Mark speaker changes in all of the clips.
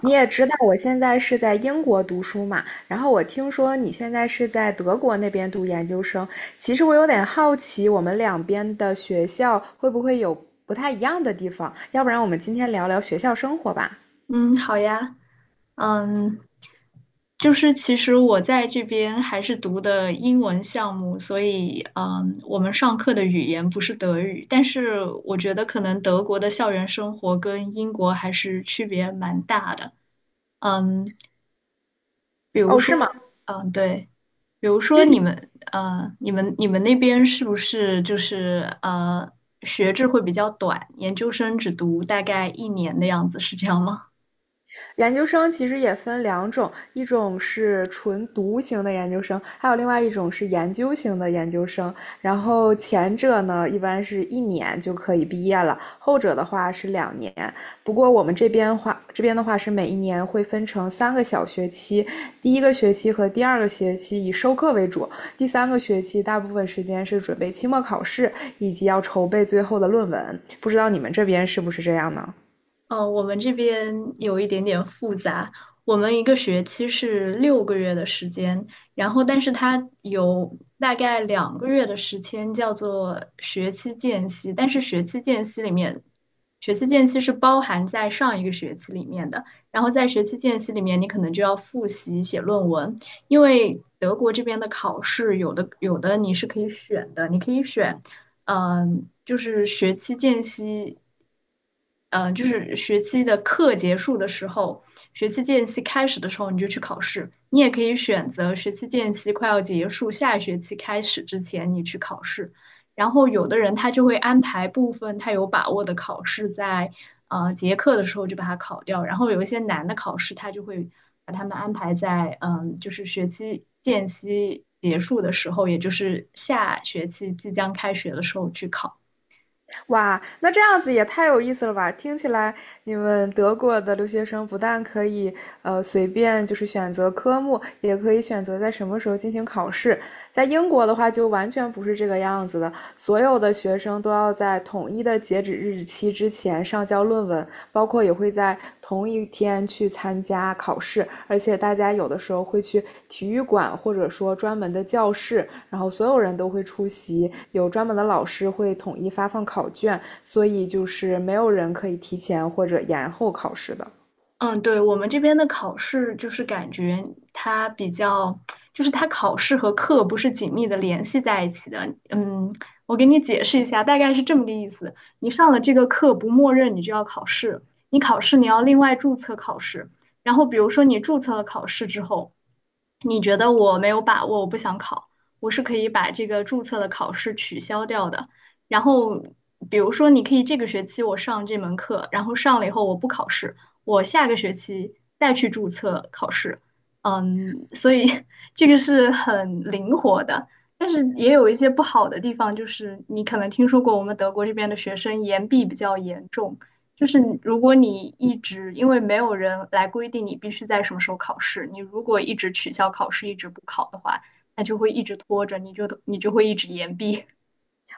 Speaker 1: 你也知道我现在是在英国读书嘛，然后我听说你现在是在德国那边读研究生，其实我有点好奇，我们两边的学校会不会有不太一样的地方？要不然我们今天聊聊学校生活吧？
Speaker 2: 嗯，好呀，嗯，就是其实我在这边还是读的英文项目，所以我们上课的语言不是德语，但是我觉得可能德国的校园生活跟英国还是区别蛮大的。嗯，比如
Speaker 1: 哦，
Speaker 2: 说，
Speaker 1: 是吗？
Speaker 2: 嗯，对，比如说
Speaker 1: 具
Speaker 2: 你
Speaker 1: 体
Speaker 2: 们，你们那边是不是就是学制会比较短，研究生只读大概1年的样子，是这样吗？
Speaker 1: 研究生其实也分两种，一种是纯读型的研究生，还有另外一种是研究型的研究生。然后前者呢，一般是一年就可以毕业了，后者的话是两年。不过我们这边话，这边的话是每一年会分成三个小学期，第一个学期和第二个学期以授课为主，第三个学期大部分时间是准备期末考试以及要筹备最后的论文。不知道你们这边是不是这样呢？
Speaker 2: 我们这边有一点点复杂。我们一个学期是6个月的时间，然后但是它有大概2个月的时间叫做学期间隙，但是学期间隙里面，学期间隙是包含在上一个学期里面的。然后在学期间隙里面，你可能就要复习写论文，因为德国这边的考试有的你是可以选的，你可以选。就是学期间隙，嗯、就是学期的课结束的时候，学期间隙开始的时候你就去考试。你也可以选择学期间隙快要结束，下学期开始之前你去考试。然后有的人他就会安排部分他有把握的考试在结课的时候就把它考掉，然后有一些难的考试他就会把他们安排在就是学期间隙结束的时候，也就是下学期即将开学的时候去考。
Speaker 1: 哇，那这样子也太有意思了吧！听起来你们德国的留学生不但可以随便就是选择科目，也可以选择在什么时候进行考试。在英国的话就完全不是这个样子的，所有的学生都要在统一的截止日期之前上交论文，包括也会在同一天去参加考试，而且大家有的时候会去体育馆或者说专门的教室然后所有人都会出席，有专门的老师会统一发放考卷，所以就是没有人可以提前或者延后考试的。
Speaker 2: 嗯，对，我们这边的考试就是感觉它比较，就是它考试和课不是紧密的联系在一起的。嗯，我给你解释一下，大概是这么个意思。你上了这个课，不默认你就要考试，你考试你要另外注册考试。然后比如说你注册了考试之后，你觉得我没有把握，我不想考，我是可以把这个注册的考试取消掉的。然后，比如说，你可以这个学期我上这门课，然后上了以后我不考试，我下个学期再去注册考试。嗯，所以 这个是很灵活的，但是也有一些不好的地方，就是你可能听说过我们德国这边的学生延毕比较严重。就是你如果你一直，因为没有人来规定你必须在什么时候考试，你如果一直取消考试，一直不考的话，那就会一直拖着，你就会一直延毕。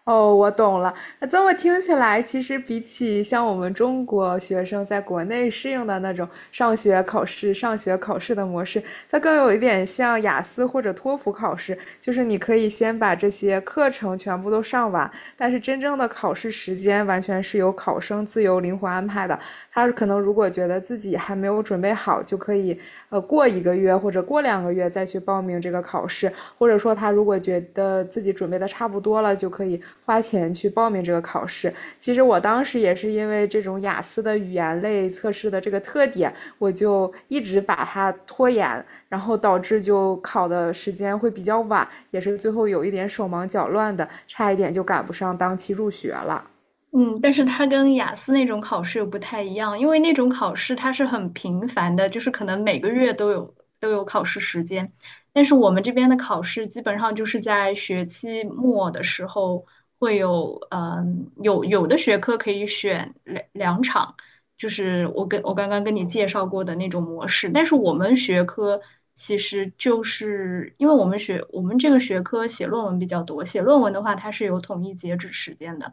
Speaker 1: 哦，我懂了。那这么听起来，其实比起像我们中国学生在国内适应的那种上学考试、上学考试的模式，它更有一点像雅思或者托福考试，就是你可以先把这些课程全部都上完，但是真正的考试时间完全是由考生自由灵活安排的。他可能如果觉得自己还没有准备好，就可以过一个月或者过两个月再去报名这个考试。或者说他如果觉得自己准备的差不多了，就可以花钱去报名这个考试。其实我当时也是因为这种雅思的语言类测试的这个特点，我就一直把它拖延，然后导致就考的时间会比较晚，也是最后有一点手忙脚乱的，差一点就赶不上当期入学了。
Speaker 2: 嗯，但是它跟雅思那种考试又不太一样，因为那种考试它是很频繁的，就是可能每个月都有考试时间。但是我们这边的考试基本上就是在学期末的时候会有，嗯，有有的学科可以选两场，就是我刚刚跟你介绍过的那种模式。但是我们学科其实就是因为我们这个学科写论文比较多，写论文的话它是有统一截止时间的。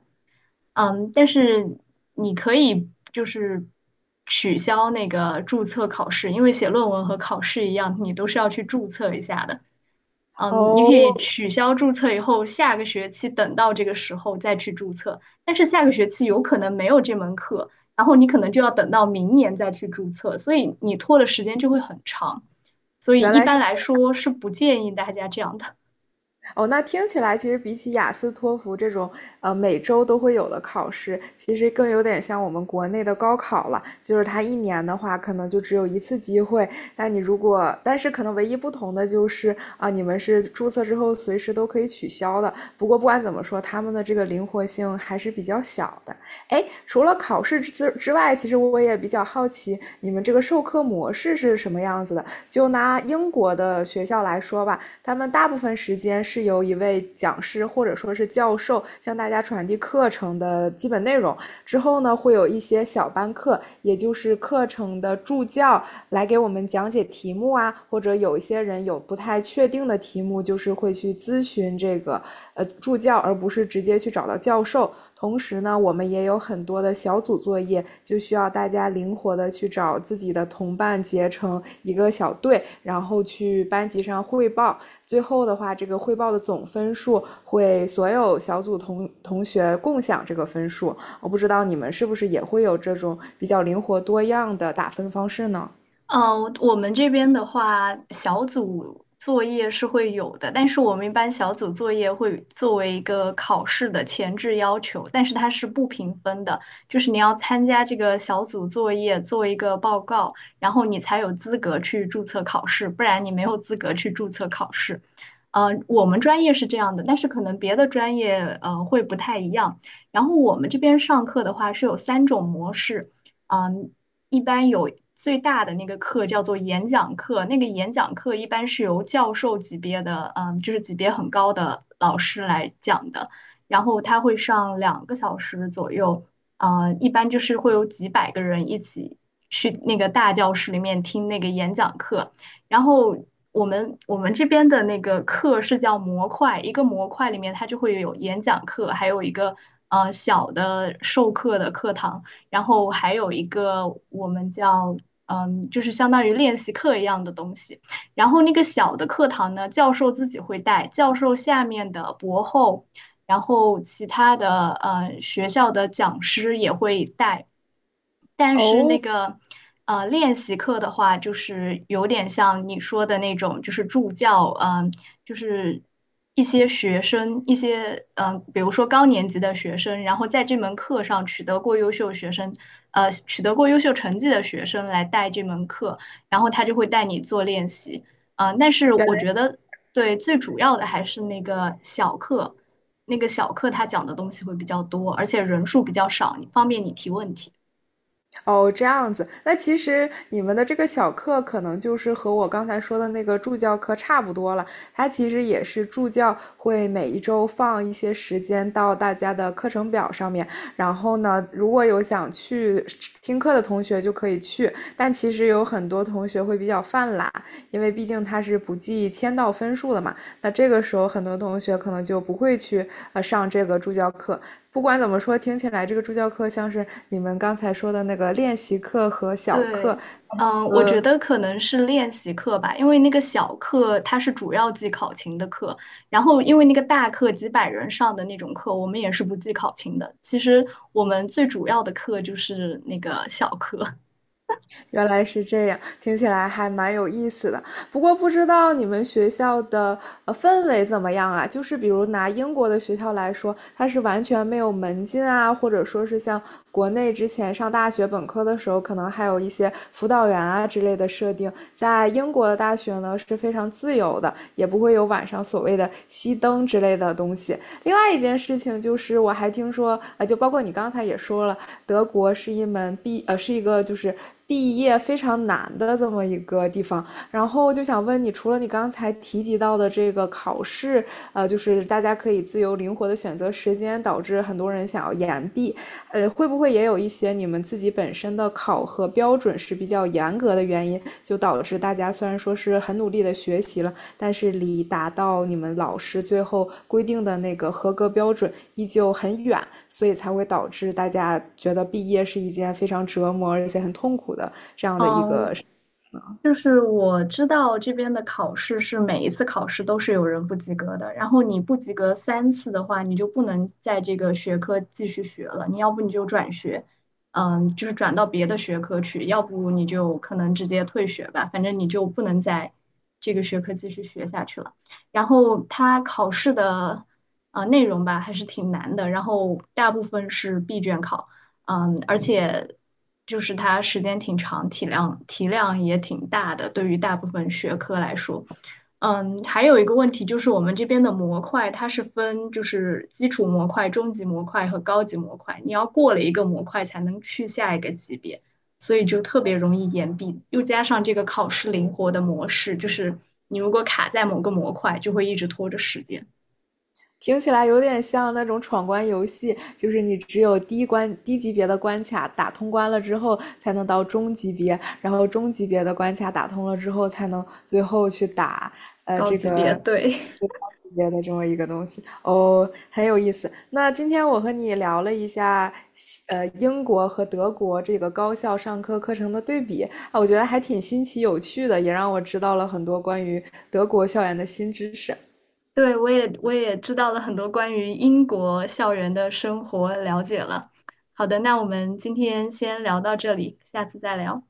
Speaker 2: 嗯，但是你可以就是取消那个注册考试，因为写论文和考试一样，你都是要去注册一下的。嗯，你可以
Speaker 1: 哦，
Speaker 2: 取消注册以后，下个学期等到这个时候再去注册，但是下个学期有可能没有这门课，然后你可能就要等到明年再去注册，所以你拖的时间就会很长。所以
Speaker 1: 原
Speaker 2: 一
Speaker 1: 来是
Speaker 2: 般来说是不建议大家这样的。
Speaker 1: 哦，那听起来其实比起雅思、托福这种每周都会有的考试，其实更有点像我们国内的高考了。就是它一年的话，可能就只有一次机会。但你如果，但是可能唯一不同的就是啊、你们是注册之后随时都可以取消的。不过不管怎么说，他们的这个灵活性还是比较小的。哎，除了考试之外，其实我也比较好奇你们这个授课模式是什么样子的。就拿英国的学校来说吧，他们大部分时间是由一位讲师或者说是教授向大家传递课程的基本内容。之后呢，会有一些小班课，也就是课程的助教来给我们讲解题目啊，或者有一些人有不太确定的题目，就是会去咨询这个助教，而不是直接去找到教授。同时呢，我们也有很多的小组作业，就需要大家灵活的去找自己的同伴，结成一个小队，然后去班级上汇报。最后的话，这个汇报的总分数会所有小组同学共享这个分数。我不知道你们是不是也会有这种比较灵活多样的打分方式呢？
Speaker 2: 嗯，我们这边的话，小组作业是会有的，但是我们一般小组作业会作为一个考试的前置要求，但是它是不评分的，就是你要参加这个小组作业，做一个报告，然后你才有资格去注册考试，不然你没有资格去注册考试。我们专业是这样的，但是可能别的专业会不太一样。然后我们这边上课的话是有3种模式。嗯，一般有最大的那个课叫做演讲课，那个演讲课一般是由教授级别的，嗯，就是级别很高的老师来讲的，然后他会上2个小时左右，一般就是会有几百个人一起去那个大教室里面听那个演讲课，然后。我们这边的那个课是叫模块，一个模块里面它就会有演讲课，还有一个小的授课的课堂。然后还有一个我们叫就是相当于练习课一样的东西。然后那个小的课堂呢，教授自己会带，教授下面的博后，然后其他的学校的讲师也会带。但是那
Speaker 1: 哦，
Speaker 2: 个练习课的话，就是有点像你说的那种，就是助教，就是一些学生，一些比如说高年级的学生，然后在这门课上取得过优秀学生，取得过优秀成绩的学生来带这门课，然后他就会带你做练习，但是
Speaker 1: 原
Speaker 2: 我觉得，对，最主要的还是那个小课。那个小课他讲的东西会比较多，而且人数比较少，方便你提问题。
Speaker 1: 哦，这样子，那其实你们的这个小课可能就是和我刚才说的那个助教课差不多了。它其实也是助教会每一周放一些时间到大家的课程表上面，然后呢，如果有想去听课的同学就可以去，但其实有很多同学会比较犯懒，因为毕竟他是不计签到分数的嘛。那这个时候很多同学可能就不会去上这个助教课，不管怎么说，听起来这个助教课像是你们刚才说的那个练习课和小课，
Speaker 2: 对，嗯，我觉
Speaker 1: 呃，
Speaker 2: 得可能是练习课吧，因为那个小课它是主要记考勤的课，然后因为那个大课几百人上的那种课，我们也是不记考勤的。其实我们最主要的课就是那个小课。
Speaker 1: 原来是这样，听起来还蛮有意思的。不过不知道你们学校的氛围怎么样啊？就是比如拿英国的学校来说，它是完全没有门禁啊，或者说是像国内之前上大学本科的时候，可能还有一些辅导员啊之类的设定，在英国的大学呢是非常自由的，也不会有晚上所谓的熄灯之类的东西。另外一件事情就是，我还听说，啊，就包括你刚才也说了，德国是一门毕，呃，是一个就是毕业非常难的这么一个地方。然后就想问你，除了你刚才提及到的这个考试，就是大家可以自由灵活的选择时间，导致很多人想要延毕。会不会也有一些你们自己本身的考核标准是比较严格的原因，就导致大家虽然说是很努力的学习了，但是离达到你们老师最后规定的那个合格标准依旧很远，所以才会导致大家觉得毕业是一件非常折磨而且很痛苦的这样的一个
Speaker 2: 嗯，
Speaker 1: 事情。
Speaker 2: 就是我知道这边的考试是每一次考试都是有人不及格的，然后你不及格3次的话，你就不能在这个学科继续学了，你要不你就转学，嗯，就是转到别的学科去，要不你就可能直接退学吧，反正你就不能在这个学科继续学下去了。然后它考试的内容吧还是挺难的，然后大部分是闭卷考。嗯，而且就是它时间挺长，体量也挺大的，对于大部分学科来说。嗯，还有一个问题就是我们这边的模块它是分就是基础模块、中级模块和高级模块，你要过了一个模块才能去下一个级别，所以就特别容易延毕。又加上这个考试灵活的模式，就是你如果卡在某个模块，就会一直拖着时间。
Speaker 1: 听起来有点像那种闯关游戏，就是你只有低级别的关卡打通关了之后，才能到中级别，然后中级别的关卡打通了之后，才能最后去打
Speaker 2: 高
Speaker 1: 这
Speaker 2: 级别，
Speaker 1: 个
Speaker 2: 对。
Speaker 1: 最高级别的这么一个东西。哦，很有意思。那今天我和你聊了一下英国和德国这个高校上课课程的对比啊，我觉得还挺新奇有趣的，也让我知道了很多关于德国校园的新知识。
Speaker 2: 对，我也知道了很多关于英国校园的生活了解了。好的，那我们今天先聊到这里，下次再聊。